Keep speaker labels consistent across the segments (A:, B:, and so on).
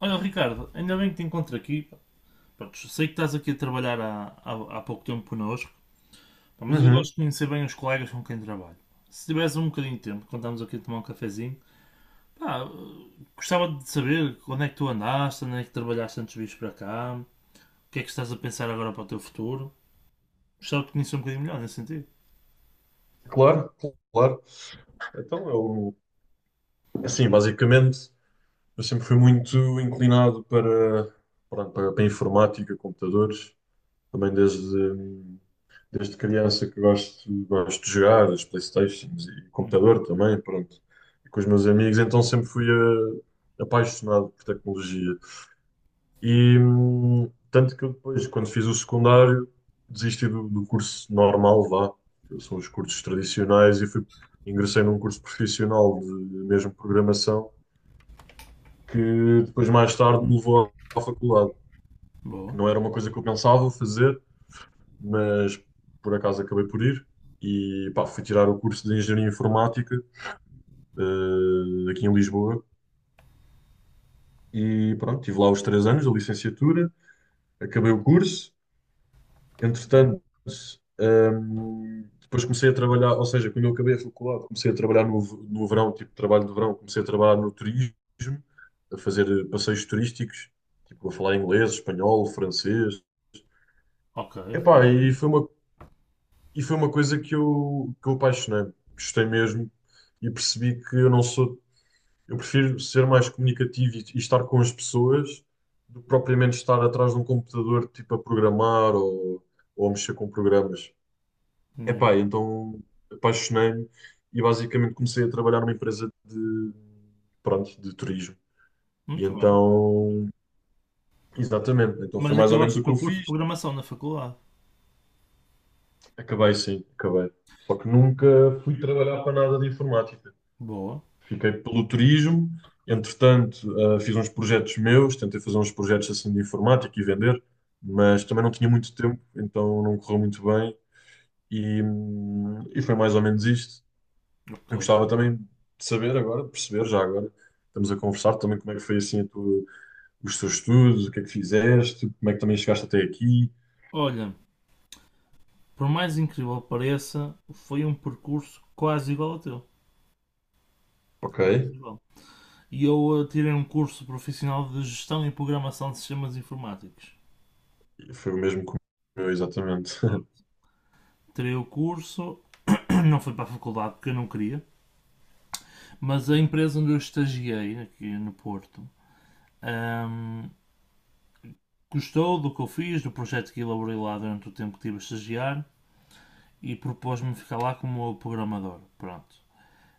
A: Olha, Ricardo, ainda bem que te encontro aqui, pá. Pronto, sei que estás aqui a trabalhar há pouco tempo connosco, pá, mas eu gosto
B: Uhum,
A: de conhecer bem os colegas com quem trabalho. Se tivesse um bocadinho de tempo, quando estamos aqui a tomar um cafezinho, pá, gostava de saber onde é que tu andaste, onde é que trabalhaste antes de vires para cá, o que é que estás a pensar agora para o teu futuro. Gostava de conhecer um bocadinho melhor nesse sentido.
B: claro, claro. Então, eu, assim, basicamente, eu sempre fui muito inclinado pronto, para informática, computadores, também desde criança que gosto de jogar, as PlayStations e
A: Uhum.
B: computador também, pronto, e com os meus amigos, então sempre fui apaixonado por tecnologia. E tanto que eu depois, quando fiz o secundário, desisti do curso normal, vá, que são os cursos tradicionais, ingressei num curso profissional de mesmo programação, que depois, mais tarde, me levou à faculdade, que
A: Boa.
B: não era uma coisa que eu pensava fazer, mas por acaso acabei por ir. E pá, fui tirar o curso de Engenharia Informática, aqui em Lisboa, e pronto, tive lá os três anos da licenciatura, acabei o curso. Entretanto, depois comecei a trabalhar, ou seja, quando eu acabei a faculdade, comecei a trabalhar no verão, tipo trabalho de verão, comecei a trabalhar no turismo, a fazer passeios turísticos, tipo a falar inglês, espanhol, francês.
A: Ok, fixe.
B: Epá, e foi uma coisa que eu apaixonei, gostei mesmo e percebi que eu não sou, eu prefiro ser mais comunicativo e estar com as pessoas do que propriamente estar atrás de um computador, tipo a programar ou a mexer com programas.
A: Yeah.
B: Epá, então apaixonei-me e basicamente comecei a trabalhar numa empresa de, pronto, de turismo. E
A: Muito bem.
B: então, exatamente, então
A: Mas
B: foi mais ou
A: acabaste
B: menos
A: o
B: o que
A: teu
B: eu
A: curso de
B: fiz.
A: programação na faculdade?
B: Acabei sim, acabei. Só que nunca fui trabalhar para nada de informática.
A: Boa.
B: Fiquei pelo turismo, entretanto, ah, fiz uns projetos meus, tentei fazer uns projetos assim de informática e vender, mas também não tinha muito tempo, então não correu muito bem. E, e foi mais ou menos isto.
A: Ok.
B: Eu gostava também de saber agora, de perceber já agora, estamos a conversar também como é que foi assim a os teus estudos, o que é que fizeste, como é que também chegaste até aqui.
A: Olha, por mais incrível que pareça, foi um percurso quase igual ao teu.
B: Ok.
A: Quase igual. E eu tirei um curso profissional de gestão e programação de sistemas informáticos.
B: E foi o mesmo que o meu, exatamente.
A: Pronto. Tirei o curso, não fui para a faculdade porque eu não queria, mas a empresa onde eu estagiei, aqui no Porto, ahm, gostou do que eu fiz, do projeto que elaborei lá durante o tempo que estive a estagiar e propôs-me ficar lá como programador. Pronto.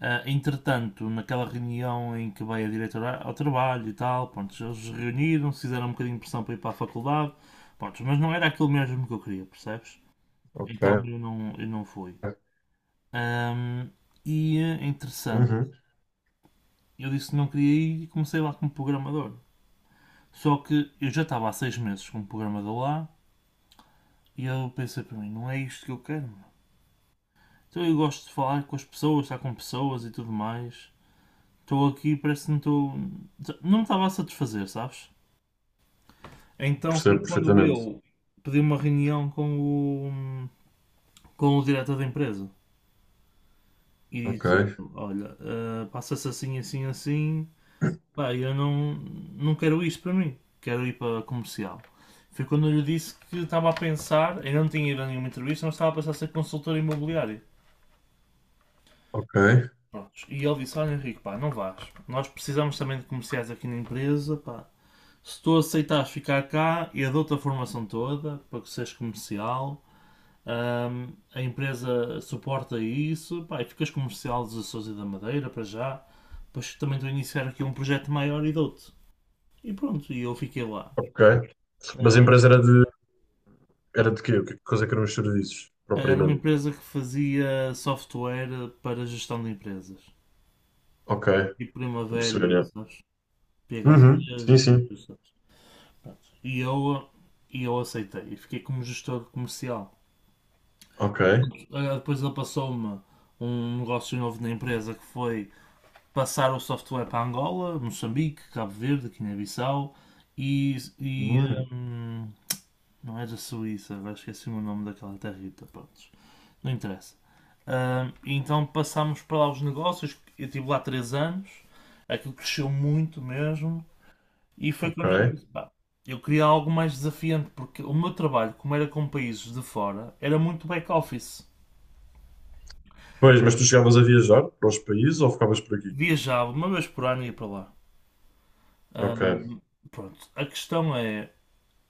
A: Ah, entretanto, naquela reunião em que veio a diretora ao trabalho e tal, pronto, eles reuniram-se, fizeram um bocadinho de pressão para ir para a faculdade, pronto, mas não era aquilo mesmo que eu queria, percebes?
B: Ok.
A: Então eu não fui. Ahm, e interessante,
B: Uhum.
A: eu disse que não queria ir e comecei lá como programador. Só que eu já estava há 6 meses como programador lá e eu pensei para mim, não é isto que eu quero, meu. Então eu gosto de falar com as pessoas, estar com pessoas e tudo mais. Estou aqui, parece que não estou. Não me estava a satisfazer, sabes? Então foi
B: Percebo
A: quando
B: perfeitamente.
A: eu pedi uma reunião com o diretor da empresa e
B: Ok,
A: disse: Olha, passa-se assim, assim, assim. Pá, eu não quero isto para mim, quero ir para comercial. Foi quando eu lhe disse que estava a pensar, eu não tinha ido a nenhuma entrevista, mas estava a pensar em ser consultor imobiliário.
B: ok,
A: Prontos. E ele disse: Olha, Henrique, pá, não vás. Nós precisamos também de comerciais aqui na empresa, pá. Se tu aceitares ficar cá, eu dou-te a formação toda para que sejas comercial. A empresa suporta isso, pá, e ficas comercial dos Açores e da Madeira para já. Depois também estou a iniciar aqui um projeto maior e dou-te. E pronto, e eu fiquei lá.
B: ok. Mas a
A: Ahm,
B: empresa era de quê? O que coisa que eram os serviços,
A: era uma
B: propriamente?
A: empresa que fazia software para gestão de empresas.
B: Ok,
A: E
B: estou a
A: Primavera
B: perceber,
A: e,
B: já.
A: sabes, PHCs e
B: Uhum. Sim,
A: essas
B: sim.
A: coisas. Pronto. E eu aceitei. E fiquei como gestor comercial.
B: Ok.
A: Ah, depois ele passou-me um negócio novo na empresa que foi passar o software para Angola, Moçambique, Cabo Verde, Guiné-Bissau e,
B: Hum,
A: hum, não era Suíça, agora esqueci-me o nome daquela territa, pronto, não interessa. Então passámos para lá os negócios, eu estive lá 3 anos, aquilo cresceu muito mesmo e foi
B: ok.
A: quando eu disse, pá, eu queria algo mais desafiante, porque o meu trabalho, como era com países de fora, era muito back-office.
B: Pois, mas tu chegavas a viajar para os países ou ficavas por aqui?
A: Viajava uma vez por ano e ia para lá.
B: Ok.
A: Ahm, pronto, a questão é,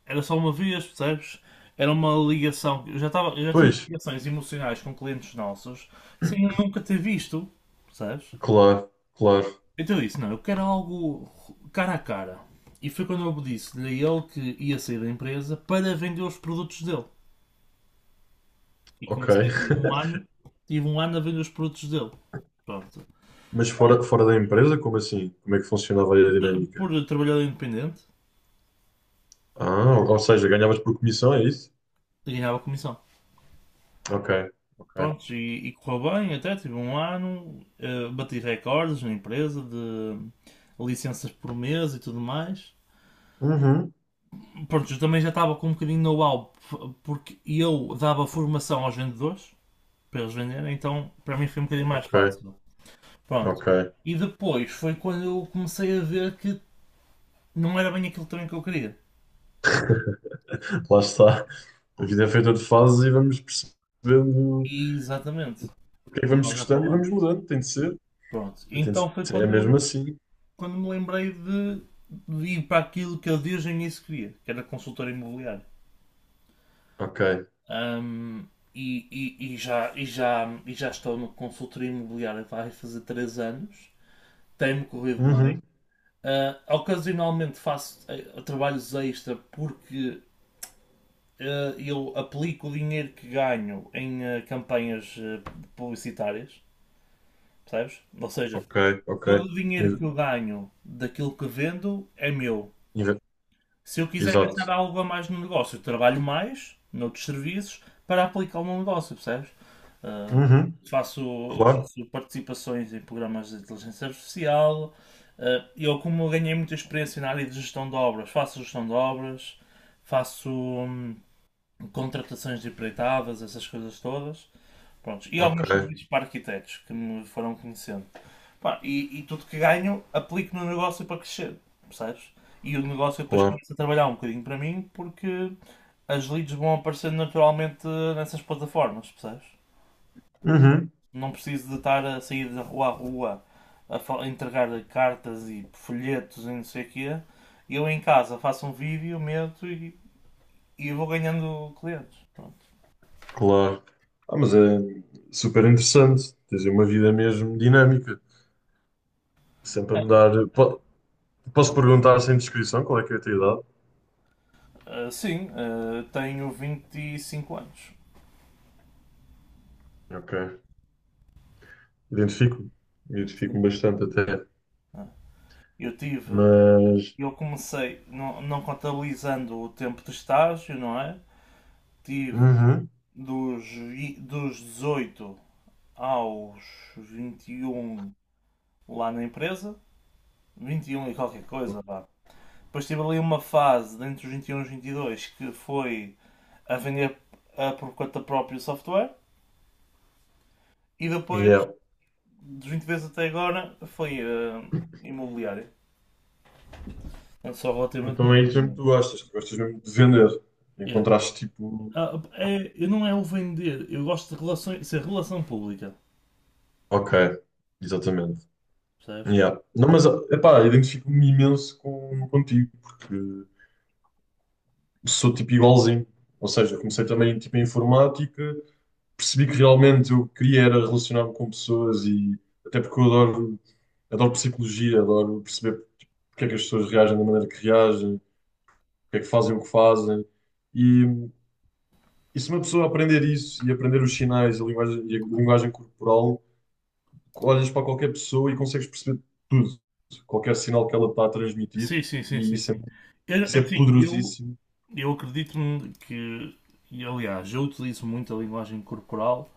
A: era só uma vez, percebes? Era uma ligação. Eu já tinha
B: Pois,
A: ligações emocionais com clientes nossos sem eu nunca ter visto, percebes?
B: claro, claro,
A: Então eu disse: não, eu quero algo cara a cara. E foi quando eu disse-lhe a ele que ia sair da empresa para vender os produtos dele. E
B: ok.
A: comecei, tive um ano, tive um ano a vender os produtos dele. Pronto.
B: Mas fora, fora da empresa, como assim? Como é que funcionava aí a
A: Por
B: dinâmica?
A: trabalhador independente,
B: Ah, ou seja, ganhavas por comissão, é isso?
A: ganhava comissão.
B: Ok, ok.
A: Prontos, e correu bem até, tive um ano, bati recordes na empresa de licenças por mês e tudo mais.
B: Uhum.
A: Pronto, eu também já estava com um bocadinho de know-how, porque eu dava formação aos vendedores, para eles venderem, então para mim foi um bocadinho mais
B: Ok,
A: fácil. Pronto.
B: ok.
A: E depois foi quando eu comecei a ver que não era bem aquilo também que eu queria.
B: Lá está. A vida é feita de fases e vamos percebendo
A: E, exatamente,
B: o que é que
A: como
B: vamos
A: nós já
B: gostando e vamos
A: falamos.
B: mudando. Tem de ser.
A: Pronto,
B: Tem de
A: então foi
B: ser. É
A: quando
B: mesmo
A: eu
B: assim.
A: quando me lembrei de ir para aquilo que eu desde o início queria, que era consultor imobiliário.
B: Ok.
A: Ahm, e já estou no consultor imobiliário vai fazer 3 anos, tem-me corrido
B: Uhum.
A: bem. Ah, ocasionalmente faço trabalhos extra porque eu aplico o dinheiro que ganho em campanhas publicitárias, percebes? Ou seja,
B: Ok, ok.
A: todo o dinheiro que eu
B: In-
A: ganho daquilo que vendo é meu.
B: in-
A: Se eu quiser gastar
B: Exato.
A: algo a mais no negócio, eu trabalho mais noutros serviços para aplicá-lo no negócio, percebes? Ah,
B: Uhum.
A: faço,
B: Claro.
A: faço participações em programas de inteligência artificial. Ah, eu, como ganhei muita experiência na área de gestão de obras, faço gestão de obras, faço contratações de empreitadas, essas coisas todas. Prontos. E alguns
B: Ok,
A: serviços para arquitetos que me foram conhecendo. Pá, e tudo que ganho aplico no negócio para crescer, percebes? E o negócio depois
B: claro.
A: começa a trabalhar um bocadinho para mim porque as leads vão aparecendo naturalmente nessas plataformas, percebes?
B: Uhum.
A: Não preciso de estar a sair da rua a rua a entregar cartas e folhetos e não sei o quê. Eu em casa faço um vídeo, meto e vou ganhando clientes. Pronto.
B: Claro. Ah, mas é super interessante. Tens uma vida mesmo dinâmica. Sempre a
A: É,
B: mudar. Posso perguntar sem descrição qual é que é a tua idade?
A: sim, tenho 25 anos.
B: Ok. Identifico-me. Identifico-me bastante até.
A: Eu tive,
B: Mas.
A: eu comecei, não contabilizando o tempo de estágio, não é? Tive
B: Uhum.
A: dos 18 aos 21 lá na empresa, 21 e qualquer coisa, vá. Depois tive ali uma fase, entre os 21 e os 22 que foi a vender a por conta própria o software. E depois,
B: Yeah.
A: dos 20 vezes até agora, foi imobiliário. Portanto, só relativamente
B: Então
A: novo
B: é isso mesmo que
A: ainda.
B: tu gostas. Tu gostas mesmo de vender.
A: Yeah.
B: Encontraste tipo.
A: Ah, eu não é o vender, eu gosto de relações, ser relação pública,
B: Ok. Exatamente.
A: percebes?
B: Yeah. Não, mas epá, identifico-me imenso contigo, porque sou tipo igualzinho. Ou seja, comecei
A: Yeah.
B: também tipo, em informática. Percebi que realmente eu queria era relacionar-me com pessoas e até porque eu adoro psicologia, adoro perceber porque é que as pessoas reagem da maneira que reagem, porque é que fazem o que fazem. E, e se uma pessoa aprender isso e aprender os sinais, a linguagem, e a linguagem corporal, olhas para qualquer pessoa e consegues perceber tudo, qualquer sinal que ela está a transmitir,
A: Sim, sim, sim,
B: e
A: sim,
B: isso é,
A: sim. Eu,
B: isso é
A: assim, eu,
B: poderosíssimo.
A: eu acredito e aliás, eu utilizo muito a linguagem corporal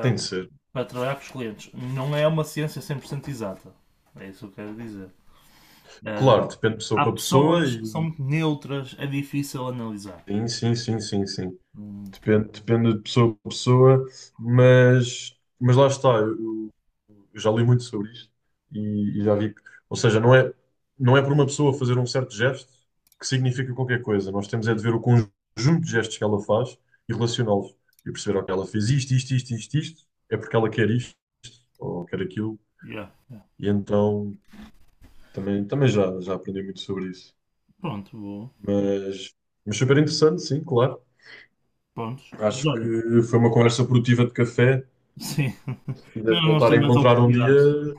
B: Tem de ser.
A: para trabalhar com os clientes. Não é uma ciência 100% exata, é isso que eu quero dizer. Ah,
B: Claro, depende de pessoa
A: há
B: para pessoa
A: pessoas que são
B: e
A: muito neutras, é difícil analisar.
B: sim, sim, sim, sim, sim.
A: Hum,
B: Depende, depende de pessoa para pessoa, mas lá está, eu já li muito sobre isto e já vi que, ou seja, não é por uma pessoa fazer um certo gesto que significa qualquer coisa. Nós temos é de
A: isso.
B: ver o conjunto de gestos que ela faz e relacioná-los e perceber, ok, ela fez isto, isto, isto, isto, isto, é porque ela quer isto ou quer aquilo,
A: Yeah, yeah.
B: e então também, também já, já aprendi muito sobre isso.
A: Pronto, vou.
B: Mas, mas super interessante, sim, claro.
A: Pronto.
B: Acho
A: Olha.
B: que foi uma conversa produtiva de café
A: Sim. Mas
B: quiseres
A: não vamos
B: voltar
A: ter
B: a
A: mais
B: encontrar um
A: oportunidades.
B: dia,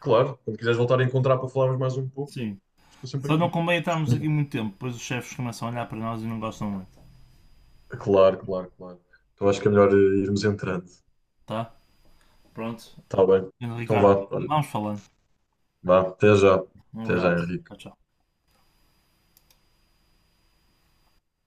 B: claro, quando quiseres voltar a encontrar para falarmos mais um pouco,
A: Sim.
B: estou sempre
A: Só não
B: aqui,
A: convém estarmos
B: disponível.
A: aqui muito tempo, pois os chefes começam a olhar para nós e não gostam muito.
B: Claro, claro, claro. Então acho que é melhor irmos entrando.
A: Tá? Pronto.
B: Está bem. Então vá,
A: Ricardo,
B: olha,
A: vamos falando.
B: vá, até já.
A: Um
B: Até já,
A: abraço.
B: Henrique.
A: Tchau, tchau.